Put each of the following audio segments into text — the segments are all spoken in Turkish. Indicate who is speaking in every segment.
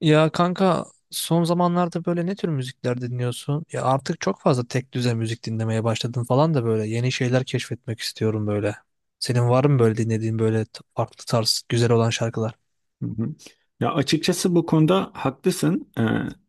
Speaker 1: Ya kanka son zamanlarda böyle ne tür müzikler dinliyorsun? Ya artık çok fazla tek düze müzik dinlemeye başladım falan da böyle yeni şeyler keşfetmek istiyorum böyle. Senin var mı böyle dinlediğin böyle farklı tarz güzel olan şarkılar?
Speaker 2: Hı hı. Ya açıkçası bu konuda haklısın. Ee,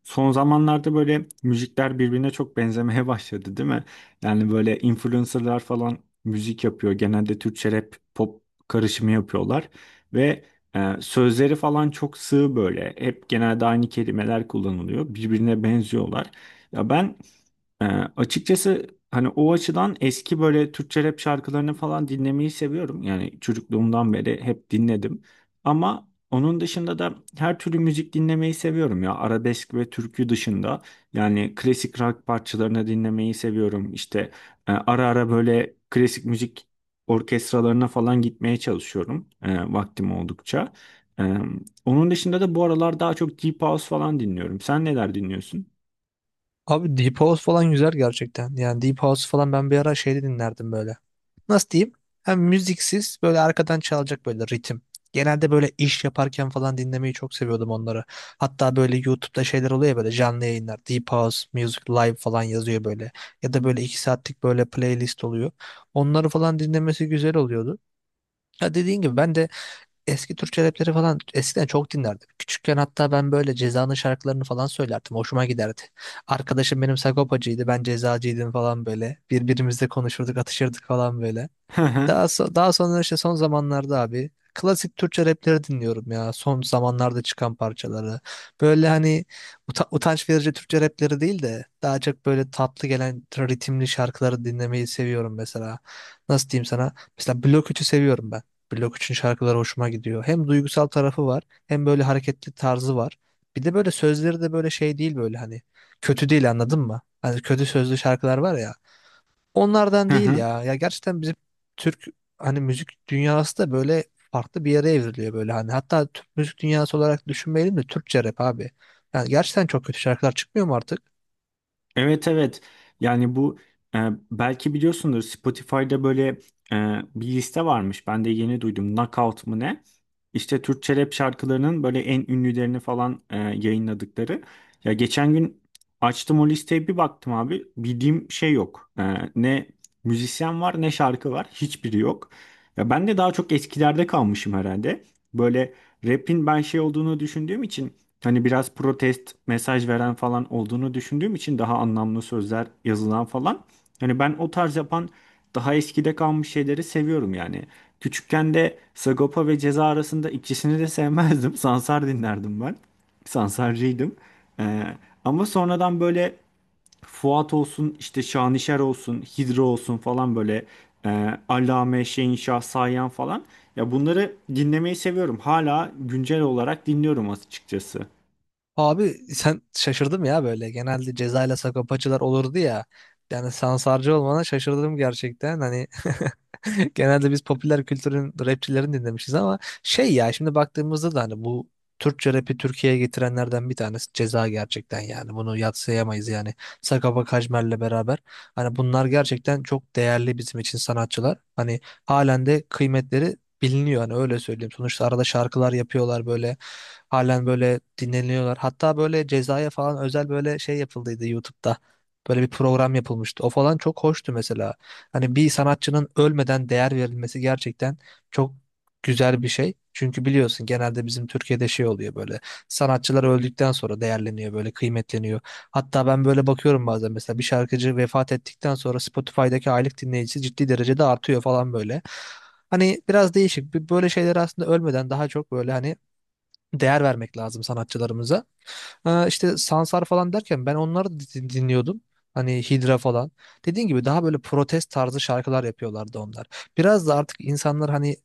Speaker 2: son zamanlarda böyle müzikler birbirine çok benzemeye başladı, değil mi? Yani böyle influencerlar falan müzik yapıyor. Genelde Türkçe rap, pop karışımı yapıyorlar ve sözleri falan çok sığ böyle. Hep genelde aynı kelimeler kullanılıyor. Birbirine benziyorlar. Ya ben ee, açıkçası hani o açıdan eski böyle Türkçe rap şarkılarını falan dinlemeyi seviyorum. Yani çocukluğumdan beri hep dinledim. Ama onun dışında da her türlü müzik dinlemeyi seviyorum ya. Arabesk ve türkü dışında. Yani klasik rock parçalarını dinlemeyi seviyorum. İşte ara ara böyle klasik müzik orkestralarına falan gitmeye çalışıyorum. Vaktim oldukça. E, onun dışında da bu aralar daha çok Deep House falan dinliyorum. Sen neler dinliyorsun?
Speaker 1: Abi Deep House falan güzel gerçekten. Yani Deep House falan ben bir ara şeyde dinlerdim böyle. Nasıl diyeyim? Hem müziksiz böyle arkadan çalacak böyle ritim. Genelde böyle iş yaparken falan dinlemeyi çok seviyordum onları. Hatta böyle YouTube'da şeyler oluyor ya böyle canlı yayınlar. Deep House, Music Live falan yazıyor böyle. Ya da böyle 2 saatlik böyle playlist oluyor. Onları falan dinlemesi güzel oluyordu. Ya dediğin gibi ben de eski Türkçe rapleri falan eskiden çok dinlerdim. Küçükken hatta ben böyle Ceza'nın şarkılarını falan söylerdim. Hoşuma giderdi. Arkadaşım benim Sagopacıydı, ben Cezacıydım falan böyle. Birbirimizle konuşurduk, atışırdık falan böyle.
Speaker 2: Hı hı.
Speaker 1: Daha sonra işte son zamanlarda abi klasik Türkçe rapleri dinliyorum ya. Son zamanlarda çıkan parçaları. Böyle hani utanç verici Türkçe rapleri değil de daha çok böyle tatlı gelen ritimli şarkıları dinlemeyi seviyorum mesela. Nasıl diyeyim sana? Mesela Blok 3'ü seviyorum ben. Blok 3'ün şarkıları hoşuma gidiyor. Hem duygusal tarafı var hem böyle hareketli tarzı var. Bir de böyle sözleri de böyle şey değil böyle hani kötü değil anladın mı? Hani kötü sözlü şarkılar var ya. Onlardan
Speaker 2: Hı
Speaker 1: değil
Speaker 2: hı.
Speaker 1: ya. Ya gerçekten bizim Türk hani müzik dünyası da böyle farklı bir yere evriliyor böyle hani. Hatta Türk müzik dünyası olarak düşünmeyelim de Türkçe rap abi. Yani gerçekten çok kötü şarkılar çıkmıyor mu artık?
Speaker 2: Evet, evet, yani bu e, belki biliyorsundur, Spotify'da böyle bir liste varmış, ben de yeni duydum, Knockout mı ne, işte Türkçe rap şarkılarının böyle en ünlülerini falan yayınladıkları. Ya geçen gün açtım o listeye, bir baktım abi, bildiğim şey yok. Ne müzisyen var ne şarkı var, hiçbiri yok. Ya ben de daha çok eskilerde kalmışım herhalde. Böyle rap'in ben şey olduğunu düşündüğüm için, hani biraz protest mesaj veren falan olduğunu düşündüğüm için, daha anlamlı sözler yazılan falan. Hani ben o tarz yapan daha eskide kalmış şeyleri seviyorum yani. Küçükken de Sagopa ve Ceza arasında ikisini de sevmezdim. Sansar dinlerdim ben. Sansarcıydım. Ee, ama sonradan böyle Fuat olsun, işte Şanişer olsun, Hidro olsun falan, böyle Allame, Şehinşah, Sayan falan. Ya bunları dinlemeyi seviyorum. Hala güncel olarak dinliyorum açıkçası.
Speaker 1: Abi sen şaşırdım ya böyle. Genelde Ceza ile Sakopacılar olurdu ya. Yani Sansarcı olmana şaşırdım gerçekten. Hani genelde biz popüler kültürün rapçilerini dinlemişiz ama şey ya şimdi baktığımızda da hani bu Türkçe rapi Türkiye'ye getirenlerden bir tanesi Ceza gerçekten yani. Bunu yadsıyamayız yani. Sagopa Kajmer'le beraber. Hani bunlar gerçekten çok değerli bizim için sanatçılar. Hani halen de kıymetleri biliniyor hani öyle söyleyeyim. Sonuçta arada şarkılar yapıyorlar böyle. Halen böyle dinleniyorlar. Hatta böyle cezaya falan özel böyle şey yapıldıydı YouTube'da. Böyle bir program yapılmıştı. O falan çok hoştu mesela. Hani bir sanatçının ölmeden değer verilmesi gerçekten çok güzel bir şey. Çünkü biliyorsun genelde bizim Türkiye'de şey oluyor böyle. Sanatçılar öldükten sonra değerleniyor böyle kıymetleniyor. Hatta ben böyle bakıyorum bazen mesela bir şarkıcı vefat ettikten sonra Spotify'daki aylık dinleyicisi ciddi derecede artıyor falan böyle. Hani biraz değişik. Böyle şeyler aslında ölmeden daha çok böyle hani değer vermek lazım sanatçılarımıza. İşte Sansar falan derken ben onları dinliyordum. Hani Hidra falan. Dediğin gibi daha böyle protest tarzı şarkılar yapıyorlardı onlar. Biraz da artık insanlar hani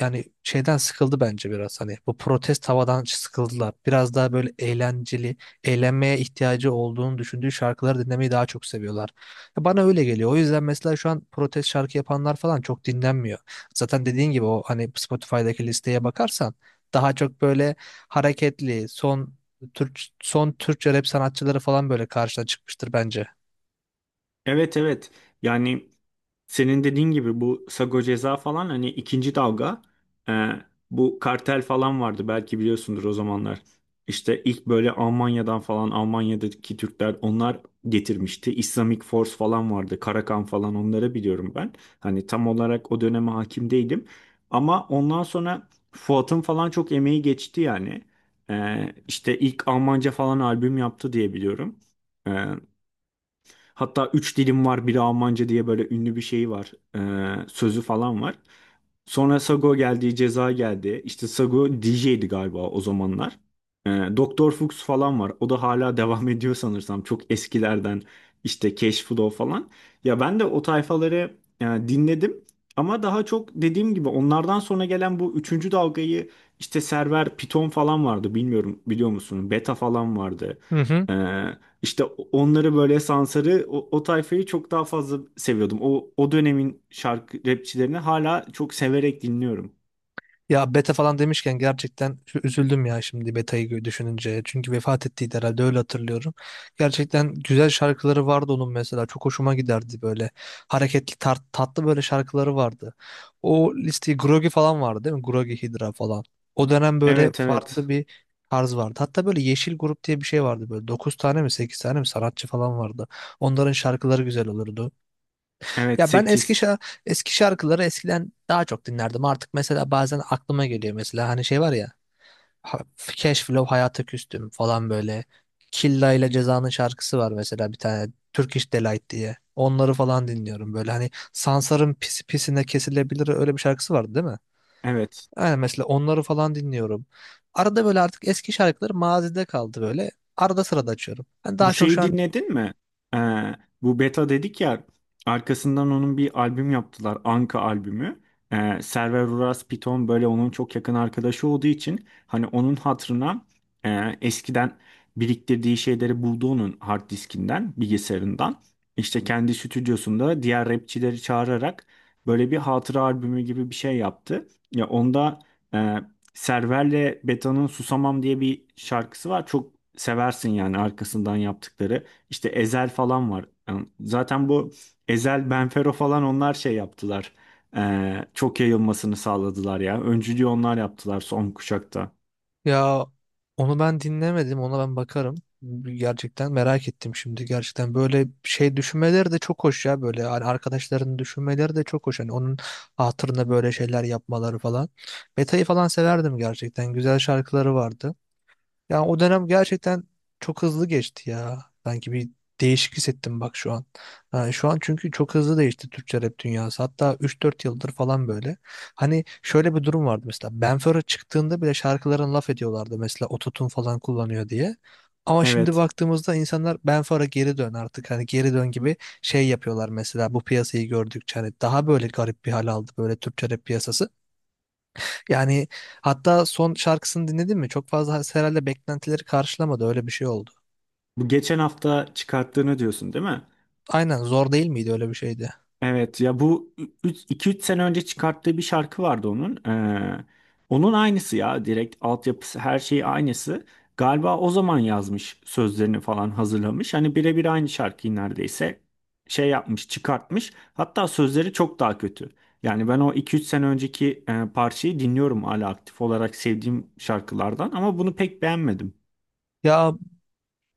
Speaker 1: yani şeyden sıkıldı bence biraz hani bu protest havadan sıkıldılar. Biraz daha böyle eğlenceli, eğlenmeye ihtiyacı olduğunu düşündüğü şarkıları dinlemeyi daha çok seviyorlar. Ya bana öyle geliyor. O yüzden mesela şu an protest şarkı yapanlar falan çok dinlenmiyor. Zaten dediğin gibi o hani Spotify'daki listeye bakarsan daha çok böyle hareketli, son Türkçe rap sanatçıları falan böyle karşına çıkmıştır bence.
Speaker 2: Evet, evet, yani senin dediğin gibi bu Sago Ceza falan hani ikinci dalga, e, bu kartel falan vardı, belki biliyorsundur o zamanlar. İşte ilk böyle Almanya'dan falan, Almanya'daki Türkler onlar getirmişti. Islamic Force falan vardı, Karakan falan, onları biliyorum ben. Hani tam olarak o döneme hakim değilim, ama ondan sonra Fuat'ın falan çok emeği geçti yani. E, işte ilk Almanca falan albüm yaptı diye biliyorum. E, Hatta üç dilim var biri Almanca diye böyle ünlü bir şey var. Sözü falan var. Sonra Sago geldi, Ceza geldi. İşte Sago DJ'di galiba o zamanlar. Ee, Doktor Fuchs falan var. O da hala devam ediyor sanırsam. Çok eskilerden işte Cash Flow falan. Ya ben de o tayfaları dinledim. Ama daha çok dediğim gibi onlardan sonra gelen bu üçüncü dalgayı, işte Server, Python falan vardı. Bilmiyorum, biliyor musun? Beta falan vardı.
Speaker 1: Hı hı.
Speaker 2: E, işte onları böyle, Sansar'ı o tayfayı çok daha fazla seviyordum. O dönemin şarkı rapçilerini hala çok severek dinliyorum.
Speaker 1: Ya beta falan demişken gerçekten üzüldüm ya şimdi betayı düşününce. Çünkü vefat ettiydi herhalde öyle hatırlıyorum. Gerçekten güzel şarkıları vardı onun mesela. Çok hoşuma giderdi böyle. Hareketli tatlı böyle şarkıları vardı. O listeyi Grogi falan vardı değil mi? Grogi Hydra falan. O dönem böyle
Speaker 2: Evet, evet.
Speaker 1: farklı bir tarz vardı. Hatta böyle Yeşil Grup diye bir şey vardı böyle. Dokuz tane mi 8 tane mi sanatçı falan vardı. Onların şarkıları güzel olurdu.
Speaker 2: Evet,
Speaker 1: Ya ben
Speaker 2: sekiz.
Speaker 1: eski şarkıları eskiden daha çok dinlerdim. Artık mesela bazen aklıma geliyor mesela hani şey var ya ha- Cash Flow Hayata Küstüm falan böyle. Killa ile Ceza'nın şarkısı var mesela bir tane Turkish Delight diye. Onları falan dinliyorum böyle hani Sansar'ın pis pisine kesilebilir öyle bir şarkısı vardı değil mi?
Speaker 2: Evet.
Speaker 1: Aynen mesela onları falan dinliyorum. Arada böyle artık eski şarkıları mazide kaldı böyle. Arada sırada açıyorum. Ben
Speaker 2: Bu
Speaker 1: daha çok şu
Speaker 2: şeyi
Speaker 1: an.
Speaker 2: dinledin mi? Ee, bu Beta dedik ya, arkasından onun bir albüm yaptılar. Anka albümü. Server Uras Piton böyle onun çok yakın arkadaşı olduğu için, hani onun hatırına eskiden biriktirdiği şeyleri buldu onun hard diskinden, bilgisayarından. İşte kendi stüdyosunda diğer rapçileri çağırarak böyle bir hatıra albümü gibi bir şey yaptı. Ya onda e, Server'le Beta'nın Susamam diye bir şarkısı var. Çok seversin, yani arkasından yaptıkları. İşte Ezel falan var. Yani zaten bu Ezel, Benfero falan onlar şey yaptılar. Çok yayılmasını sağladılar ya. Öncülüğü onlar yaptılar son kuşakta.
Speaker 1: Ya onu ben dinlemedim, ona ben bakarım. Gerçekten merak ettim şimdi. Gerçekten böyle şey düşünmeleri de çok hoş ya böyle hani arkadaşlarının düşünmeleri de çok hoş. Hani onun hatırına böyle şeyler yapmaları falan. Beta'yı falan severdim gerçekten. Güzel şarkıları vardı. Yani o dönem gerçekten çok hızlı geçti ya. Sanki bir değişik hissettim bak şu an. Yani şu an çünkü çok hızlı değişti Türkçe rap dünyası. Hatta 3 4 yıldır falan böyle. Hani şöyle bir durum vardı mesela. Ben Fero çıktığında bile şarkıların laf ediyorlardı mesela ototun falan kullanıyor diye. Ama şimdi
Speaker 2: Evet.
Speaker 1: baktığımızda insanlar Ben Fero geri dön artık hani geri dön gibi şey yapıyorlar mesela bu piyasayı gördükçe hani daha böyle garip bir hal aldı böyle Türkçe rap piyasası. Yani hatta son şarkısını dinledin mi? Çok fazla herhalde beklentileri karşılamadı. Öyle bir şey oldu.
Speaker 2: Bu geçen hafta çıkarttığını diyorsun değil mi?
Speaker 1: Aynen zor değil miydi? Öyle bir şeydi.
Speaker 2: Evet ya, bu iki üç sene önce çıkarttığı bir şarkı vardı onun. Onun aynısı ya, direkt altyapısı her şeyi aynısı. Galiba o zaman yazmış, sözlerini falan hazırlamış. Hani birebir aynı şarkıyı neredeyse şey yapmış, çıkartmış. Hatta sözleri çok daha kötü. Yani ben o iki üç sene önceki parçayı dinliyorum, hala aktif olarak sevdiğim şarkılardan, ama bunu pek beğenmedim.
Speaker 1: Ya,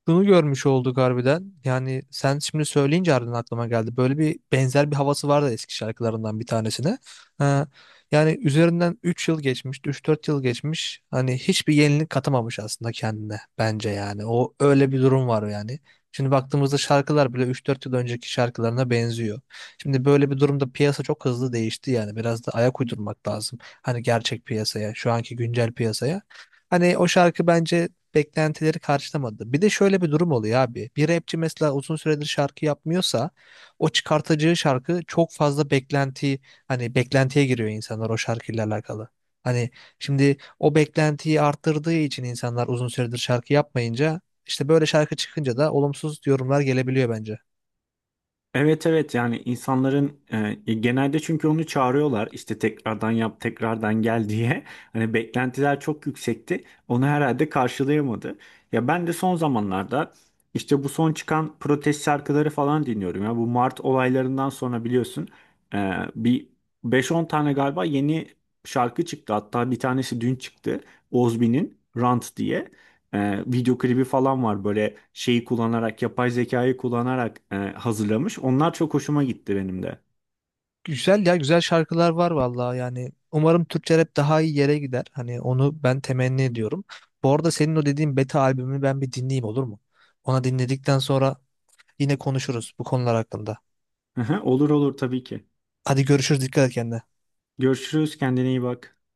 Speaker 1: şunu görmüş olduk harbiden. Yani sen şimdi söyleyince harbiden aklıma geldi. Böyle bir benzer bir havası vardı eski şarkılarından bir tanesine. Ha, yani üzerinden 3 yıl geçmiş, 3 4 yıl geçmiş. Hani hiçbir yenilik katamamış aslında kendine bence yani. O öyle bir durum var yani. Şimdi baktığımızda şarkılar bile 3 4 yıl önceki şarkılarına benziyor. Şimdi böyle bir durumda piyasa çok hızlı değişti yani. Biraz da ayak uydurmak lazım. Hani gerçek piyasaya, şu anki güncel piyasaya. Hani o şarkı bence beklentileri karşılamadı. Bir de şöyle bir durum oluyor abi. Bir rapçi mesela uzun süredir şarkı yapmıyorsa o çıkartacağı şarkı çok fazla beklenti hani beklentiye giriyor insanlar o şarkıyla alakalı. Hani şimdi o beklentiyi arttırdığı için insanlar uzun süredir şarkı yapmayınca işte böyle şarkı çıkınca da olumsuz yorumlar gelebiliyor bence.
Speaker 2: Evet, evet, yani insanların genelde çünkü onu çağırıyorlar, işte tekrardan yap tekrardan gel diye, hani beklentiler çok yüksekti, onu herhalde karşılayamadı. Ya ben de son zamanlarda işte bu son çıkan protest şarkıları falan dinliyorum ya, bu Mart olaylarından sonra biliyorsun bir beş on tane galiba yeni şarkı çıktı. Hatta bir tanesi dün çıktı, Ozbi'nin Rant diye video klibi falan var, böyle şeyi kullanarak, yapay zekayı kullanarak hazırlamış. Onlar çok hoşuma gitti benim de.
Speaker 1: Güzel ya güzel şarkılar var vallahi yani umarım Türkçe rap daha iyi yere gider. Hani onu ben temenni ediyorum. Bu arada senin o dediğin Beta albümü ben bir dinleyeyim olur mu? Ona dinledikten sonra yine konuşuruz bu konular hakkında.
Speaker 2: Hı hı, olur olur tabii ki.
Speaker 1: Hadi görüşürüz dikkat et kendine.
Speaker 2: Görüşürüz, kendine iyi bak.